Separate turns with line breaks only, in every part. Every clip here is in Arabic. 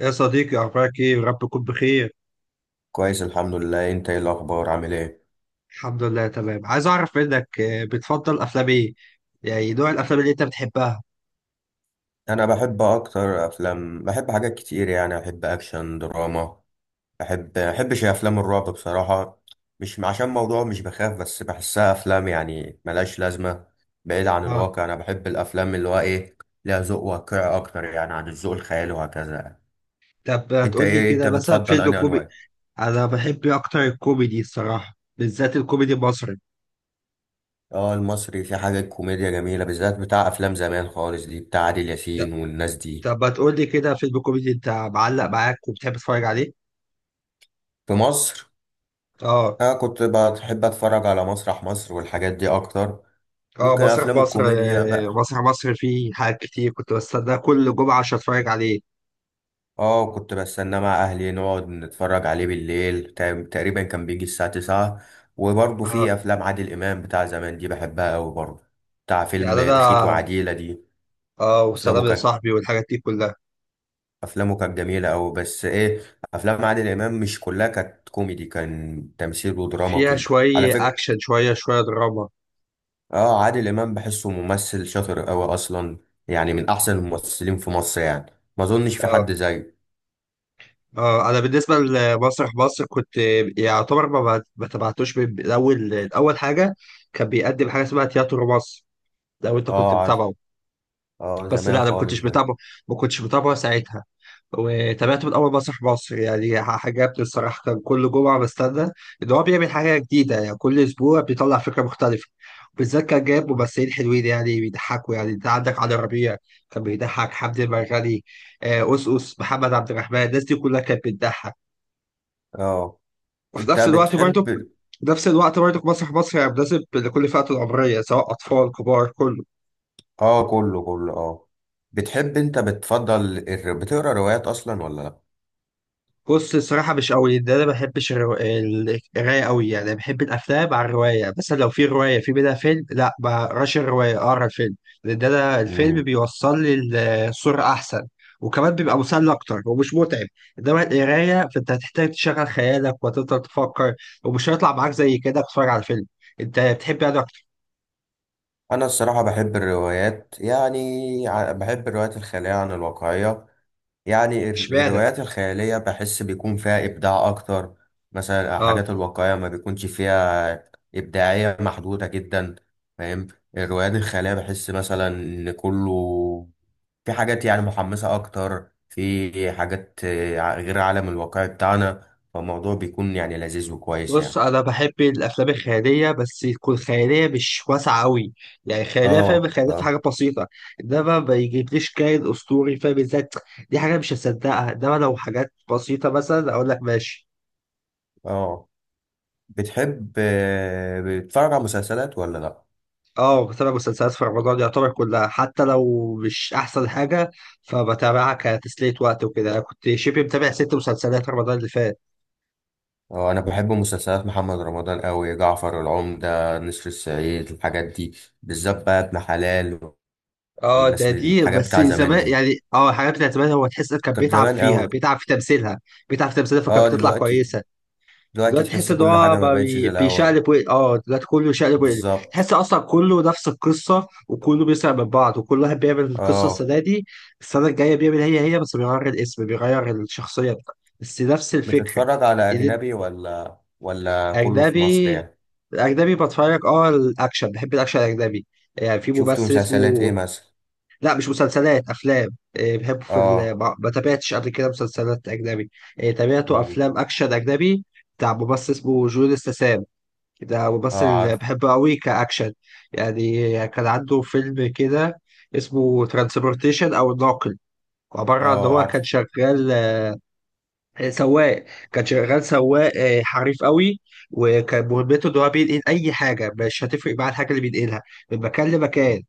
يا صديقي، أخبارك إيه؟ رب تكون بخير.
كويس الحمد لله. انت ايه الاخبار؟ عامل ايه؟
الحمد لله تمام. عايز أعرف منك بتفضل أفلام إيه؟ يعني نوع الأفلام اللي أنت بتحبها.
انا بحب اكتر افلام، بحب حاجات كتير يعني. احب اكشن، دراما. احبش افلام الرعب بصراحه، مش عشان موضوع، مش بخاف بس بحسها افلام يعني ملهاش لازمه، بعيد عن
أه.
الواقع. انا بحب الافلام اللي هو ايه، ليها ذوق واقعي اكتر يعني عن الذوق الخيالي، وهكذا يعني.
طب
انت
هتقول لي
ايه، انت
كده مثلا
بتفضل
فيلم
انهي
كوميدي؟
انواع؟
أنا بحب أكتر الكوميدي الصراحة، بالذات الكوميدي المصري.
اه المصري في حاجه كوميديا جميله، بالذات بتاع افلام زمان خالص دي، بتاع عادل
ط-
ياسين والناس دي.
طب هتقول لي كده فيلم كوميدي أنت معلق معاك وبتحب تتفرج عليه؟
في مصر،
أه.
أنا كنت بحب أتفرج على مسرح مصر والحاجات دي أكتر،
أه،
ممكن
مسرح
أفلام
مصر.
الكوميديا بقى.
مسرح مصر فيه حاجات كتير، كنت بستناه كل جمعة عشان أتفرج عليه.
آه كنت بستناه مع أهلي نقعد نتفرج عليه بالليل، تقريبا كان بيجي الساعة 9. وبرضه
أه.
في أفلام عادل إمام بتاع زمان دي بحبها أوي برضه، بتاع فيلم
يعني
بخيت
أنا
وعديلة دي. أفلامه
وسلام يا
كانت
صاحبي والحاجات دي كلها.
أفلامه كانت جميلة أوي، بس إيه، أفلام عادل إمام مش كلها كانت كوميدي، كان تمثيل ودراما
فيها
وكده. على
شوية
فكرة
أكشن، شوية شوية دراما.
اه عادل امام بحسه ممثل شاطر قوي اصلا، يعني من احسن الممثلين في مصر يعني، ما اظنش في
اه،
حد زيه.
اه. أنا بالنسبة لمسرح مصر كنت يعتبر ما تبعتوش من الأول الأول حاجة. كان بيقدم حاجة اسمها تياترو مصر، لو أنت كنت
اه عارف،
متابعه.
اه
بس
زمان
لا، أنا
خالص ده.
ما كنتش متابعه ساعتها. وتابعت من اول مسرح مصر، يعني عجبني الصراحه. كان كل جمعه بستنى ان هو بيعمل حاجه جديده، يعني كل اسبوع بيطلع فكره مختلفه. بالذات كان جايب ممثلين حلوين، يعني بيضحكوا. يعني انت عندك علي ربيع، كان بيضحك، حمدي المرغني، أوس أوس، محمد عبد الرحمن، الناس دي كلها كانت بتضحك.
اه.
وفي
انت
نفس الوقت
بتحب.
برضه في نفس الوقت برضه مسرح مصر يعني مناسب لكل فئة العمرية، سواء أطفال كبار، كله.
اه كله كله اه. بتحب، انت بتفضل بتقرا روايات اصلا ولا لا؟
بص، الصراحة مش قوي ده. أنا ما بحبش القراية قوي. يعني بحب الأفلام على الرواية، مثلا لو في رواية في منها فيلم، لا ما أقراش الرواية، أقرا الفيلم. لأن ده أنا الفيلم
مم.
بيوصل لي الصورة أحسن، وكمان بيبقى مسلي أكتر ومش متعب. إنما القراية، فأنت هتحتاج تشغل خيالك وتفضل تفكر، ومش هيطلع معاك زي كده تتفرج على فيلم. أنت بتحب يعني أكتر؟
انا الصراحه بحب الروايات يعني، بحب الروايات الخياليه عن الواقعيه. يعني
إشمعنى؟
الروايات الخيالية بحس بيكون فيها إبداع أكتر. مثلا
آه.
الحاجات الواقعية ما بيكونش فيها إبداعية، محدودة جدا، فاهم. الروايات الخيالية بحس مثلا إن كله في حاجات يعني محمسة أكتر، في حاجات غير العالم الواقعي بتاعنا، فالموضوع بيكون يعني لذيذ وكويس
بص،
يعني.
انا بحب الافلام الخياليه بس تكون خياليه، مش واسعه قوي. يعني خياليه، فاهم؟
آه
خياليه في حاجه
آه.
بسيطه. انما ما يجيبليش كائن اسطوري، فاهم ازاي؟ دي حاجه مش هصدقها، انما لو حاجات بسيطه مثلا اقول لك ماشي.
آه. بتحب بتتفرج على مسلسلات ولا لأ؟
اه، بتابع مسلسلات في رمضان يعتبر كلها، حتى لو مش احسن حاجه، فبتابعها كتسليه وقت وكده. انا كنت شبه متابع ست مسلسلات رمضان اللي فات.
اه انا بحب مسلسلات محمد رمضان قوي، جعفر العمدة، نسر الصعيد، الحاجات دي، بالذات بقى ابن حلال.
اه،
والناس
ده دي
الحاجات
بس
بتاع زمان
زمان،
دي
يعني. اه، الحاجات بتاعت زمان، هو تحس إن كان
كانت
بيتعب
زمان
فيها،
قوي.
بيتعب في تمثيلها فكانت
اه
بتطلع
دلوقتي
كويسه.
دلوقتي
دلوقتي تحس
تحس
ان
كل
هو
حاجة ما
بقى
بقتش زي الاول.
بيشقلب ويقلب. اه دلوقتي كله شقلب ويقلب.
بالظبط.
تحس اصلا كله نفس القصه، وكله بيسرق من بعض، وكل واحد بيعمل القصه
اه.
السنه دي، السنه الجايه بيعمل هي هي، بس بيغير الاسم، بيغير الشخصيه بس نفس الفكره.
بتتفرج على
ال-
اجنبي ولا كله في مصر
اجنبي.
يعني؟
الاجنبي بتفرج، الاكشن، بحب الاكشن الاجنبي. يعني في
شفت
ممثل
مسلسلات ايه
اسمه،
مثلا؟
لا مش مسلسلات، افلام. إيه، بحبه في
اه.
ما تابعتش قبل كده مسلسلات اجنبي. إيه، تابعته
مم.
افلام اكشن اجنبي بتاع ممثل اسمه جون استسام. ده
اه
ممثل
عارف.
بحبه قوي كأكشن. يعني كان عنده فيلم كده اسمه ترانسبورتيشن أو الناقل، عبارة عن إن
اه
هو كان
عارف.
شغال سواق. كان شغال سواق حريف قوي، وكان مهمته إن هو بينقل أي حاجة، مش هتفرق معاه الحاجة اللي بينقلها من مكان لمكان.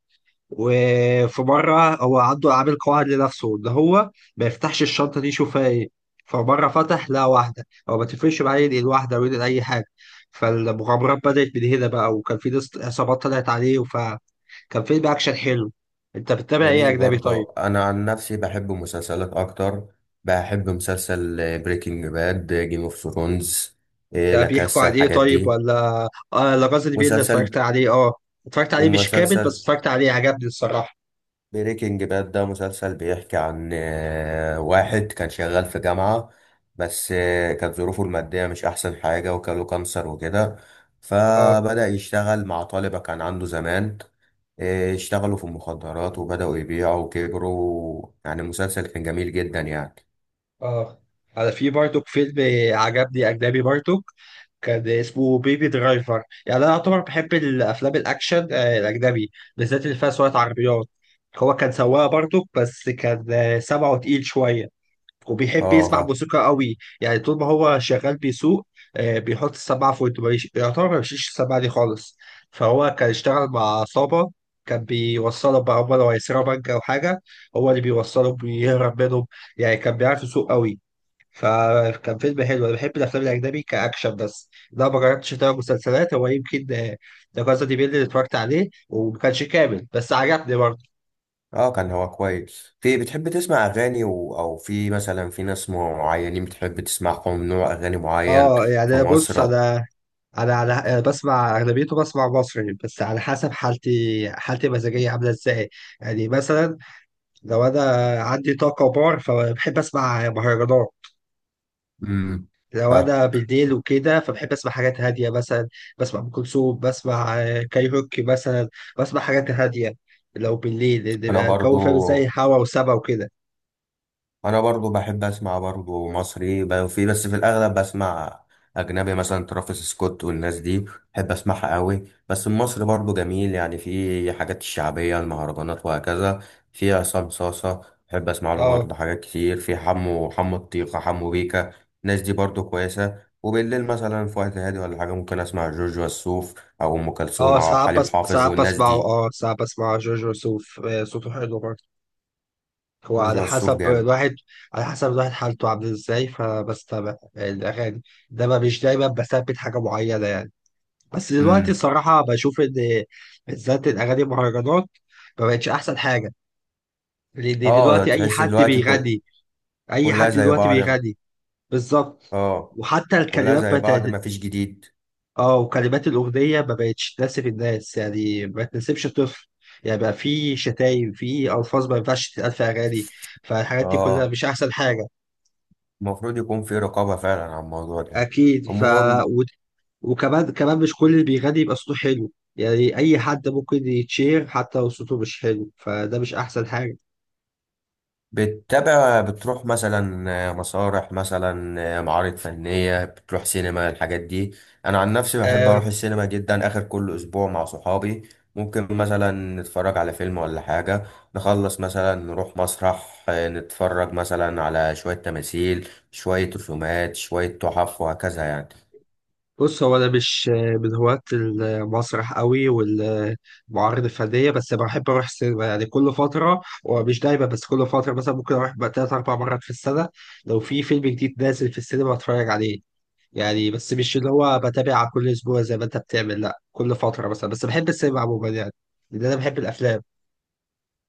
وفي مرة هو عنده عامل قواعد لنفسه إن هو ما يفتحش الشنطة دي يشوف فيها إيه. فمرة فتح لقى واحدة، هو ما تفرقش معاه ينقل واحدة أو ينقل أي حاجة، فالمغامرات بدأت من هنا بقى. وكان في ناس عصابات طلعت عليه، فكان فيلم أكشن حلو. أنت بتتابع إيه
جميل
أجنبي طيب؟
برضه، انا عن نفسي بحب مسلسلات اكتر. بحب مسلسل بريكنج باد، جيم اوف ثرونز،
ده
لا
بيحكوا
كاسا،
عن إيه
الحاجات
طيب؟
دي.
ولا لاجاز دي بيل،
مسلسل.
اتفرجت عليه. أه. اتفرجت عليه مش كامل، بس
ومسلسل
اتفرجت عليه، عجبني الصراحة.
بريكنج باد ده مسلسل بيحكي عن واحد كان شغال في جامعة، بس كانت ظروفه المادية مش احسن حاجة، وكان له كانسر وكده،
أه،
فبدأ يشتغل مع طالبة كان عنده زمان. اشتغلوا في المخدرات وبدأوا يبيعوا وكبروا، يعني المسلسل كان جميل جدا يعني.
أه. أنا في برضه فيلم عجبني أجنبي برضه، كان اسمه بيبي درايفر. يعني انا اعتبر بحب الافلام الاكشن الاجنبي، بالذات اللي فيها سواقة عربيات. هو كان سواق برضه، بس كان سمعه تقيل شويه، وبيحب
اه
يسمع
فاهم.
موسيقى قوي. يعني طول ما هو شغال بيسوق، بيحط السماعه في ودنه، يعتبر ما بيشيلش السماعه دي خالص. فهو كان اشتغل مع عصابه، كان بيوصله بقى، هم لو هيسرقوا بنك او حاجه، هو اللي بيوصله، بيهرب منهم. يعني كان بيعرف يسوق قوي، فكان فيلم حلو. انا بحب الافلام الاجنبي كاكشن، بس لا ما جربتش اتابع مسلسلات. هو يمكن لا كاسا دي بيل اللي اتفرجت عليه وما كانش كامل، بس عجبني برضه.
اه كان هو كويس. في، بتحب تسمع اغاني او في مثلا في ناس معينين بتحب تسمعهم نوع اغاني معين؟
اه، يعني
في
أنا. بص،
مصر.
انا انا على أنا بسمع اغلبيته، بسمع مصري، بس على حسب حالتي المزاجيه عامله ازاي. يعني مثلا لو انا عندي طاقه بار، فبحب اسمع مهرجانات.
امم.
لو
فاهم.
انا بالليل وكده، فبحب اسمع حاجات هاديه. مثلا بسمع ام كلثوم، بسمع كايروكي مثلا. بسمع حاجات هاديه لو بالليل، لأن
انا
بيبقى الجو
برضو
فاهم زي هوا وسبا وكده.
انا برضو بحب اسمع برضو مصري، في بس في الاغلب بسمع اجنبي، مثلا ترافيس سكوت والناس دي، بحب اسمعها قوي. بس المصري برضو جميل يعني، في حاجات الشعبيه المهرجانات وهكذا، في عصام صاصه بحب اسمع له
اه.
برضو، حاجات كتير، في حمو، حمو الطيخه، حمو بيكا، الناس دي برضو كويسه. وبالليل مثلا في وقت هادي ولا حاجه ممكن اسمع جورج وسوف او ام كلثوم
اه،
او
ساعات،
حليم
بس
حافظ
ساعات
والناس
بسمعه.
دي.
اه، ساعات بسمع جورج وسوف صوته حلو برضه. هو
جورج
على
وسوف
حسب
جامد.
الواحد على حسب الواحد حالته عامله ازاي، فبستمع الاغاني، انما مش دايما بثبت حاجه معينه، يعني. بس دلوقتي
امم.
الصراحه بشوف ان بالذات الاغاني المهرجانات ما بقتش احسن حاجه.
اه
دلوقتي اي
تحس
حد
دلوقتي كل،
بيغني، اي
كلها
حد
زي
دلوقتي
بعض.
بيغني. بالظبط.
اه
وحتى
كلها
الكلمات
زي
بتاعت
بعض، مفيش جديد.
اه، وكلمات الاغنيه ما بقتش تناسب الناس، يعني ما تناسبش الطفل. يعني بقى في شتايم، في الفاظ ما ينفعش تتقال في اغاني، فالحاجات دي كلها
اه
مش احسن حاجه.
المفروض يكون في رقابة فعلا على الموضوع ده.
اكيد.
المهم،
و... وكمان مش كل اللي بيغني يبقى صوته حلو. يعني اي حد ممكن يتشير حتى لو صوته مش حلو، فده مش احسن حاجه.
بتتابع، بتروح مثلا مسارح، مثلا معارض فنية، بتروح سينما، الحاجات دي؟ انا عن نفسي بحب
آه،
اروح السينما جدا اخر كل اسبوع مع صحابي، ممكن مثلا نتفرج على فيلم ولا حاجة، نخلص مثلا نروح مسرح نتفرج مثلا على شوية تماثيل، شوية رسومات، شوية تحف، وهكذا يعني.
بص، هو انا مش من هواة المسرح قوي والمعارض الفنيه، بس بحب اروح السينما يعني كل فتره، ومش دايما. بس كل فتره مثلا، ممكن اروح بقى تلات اربع مرات في السنه، لو في فيلم جديد نازل في السينما اتفرج عليه. يعني بس مش اللي هو بتابع كل اسبوع زي ما انت بتعمل، لا كل فتره مثلا، بس بحب السينما عموما يعني، لان انا بحب الافلام.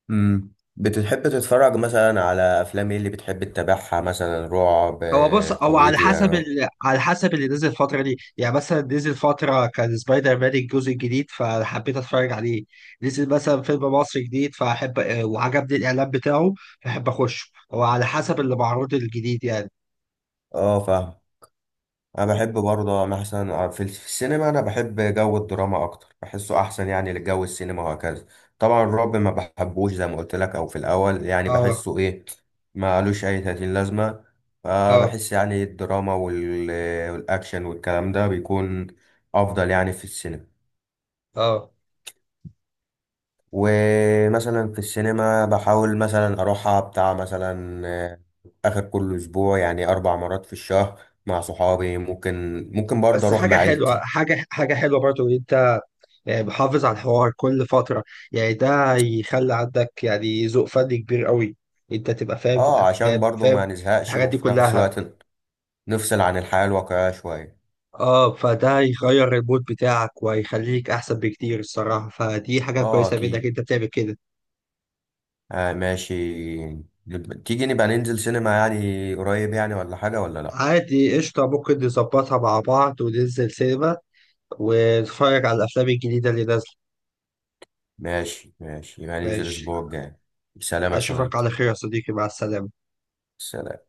امم. بتحب تتفرج مثلا على افلام ايه اللي بتحب تتابعها؟ مثلا رعب،
هو بص، هو على حسب
كوميديا؟
على حسب اللي نزل الفترة دي. يعني مثلا نزل فترة كان سبايدر مان الجزء الجديد، فحبيت اتفرج عليه. نزل مثلا فيلم مصري جديد فاحب، وعجبني الاعلان بتاعه فاحب اخش. هو على حسب اللي معروض الجديد، يعني.
اه فاهم. انا بحب برضه، انا مثلا في السينما انا بحب جو الدراما اكتر، بحسه احسن يعني لجو السينما وهكذا. طبعا الرعب ما بحبوش زي ما قلت لك او في الاول، يعني
اه،
بحسه ايه، ما قالوش اي تأتين لازمة،
اه،
فبحس يعني الدراما والاكشن والكلام ده بيكون افضل يعني في السينما.
اه.
ومثلا في السينما بحاول مثلا اروحها بتاع مثلا اخر كل اسبوع، يعني 4 مرات في الشهر مع صحابي. ممكن، ممكن برضه
بس
اروح
حاجة
مع
حلوة
عيلتي.
حاجة حاجة حلوة برضو إن أنت يعني محافظ على الحوار كل فترة. يعني ده يخلي عندك يعني ذوق فني كبير قوي، أنت تبقى فاهم في
اه عشان
الأفلام،
برضه ما
فاهم في
نزهقش
الحاجات دي
وفي نفس
كلها.
الوقت نفصل عن الحياة الواقعية شوية.
اه، فده هيغير المود بتاعك وهيخليك احسن بكتير الصراحه، فدي حاجه
اه
كويسه منك
اكيد.
انت بتعمل كده.
آه ماشي. تيجي نبقى ننزل سينما يعني قريب يعني، ولا حاجة ولا لا؟
عادي، قشطه، ممكن نظبطها مع بعض وننزل سينما، ونتفرج على الافلام الجديده اللي نازله.
ماشي ماشي، يبقى ننزل
ماشي،
الاسبوع الجاي. سلام يا
اشوفك
صديقي.
على خير يا صديقي، مع السلامه.
سلام.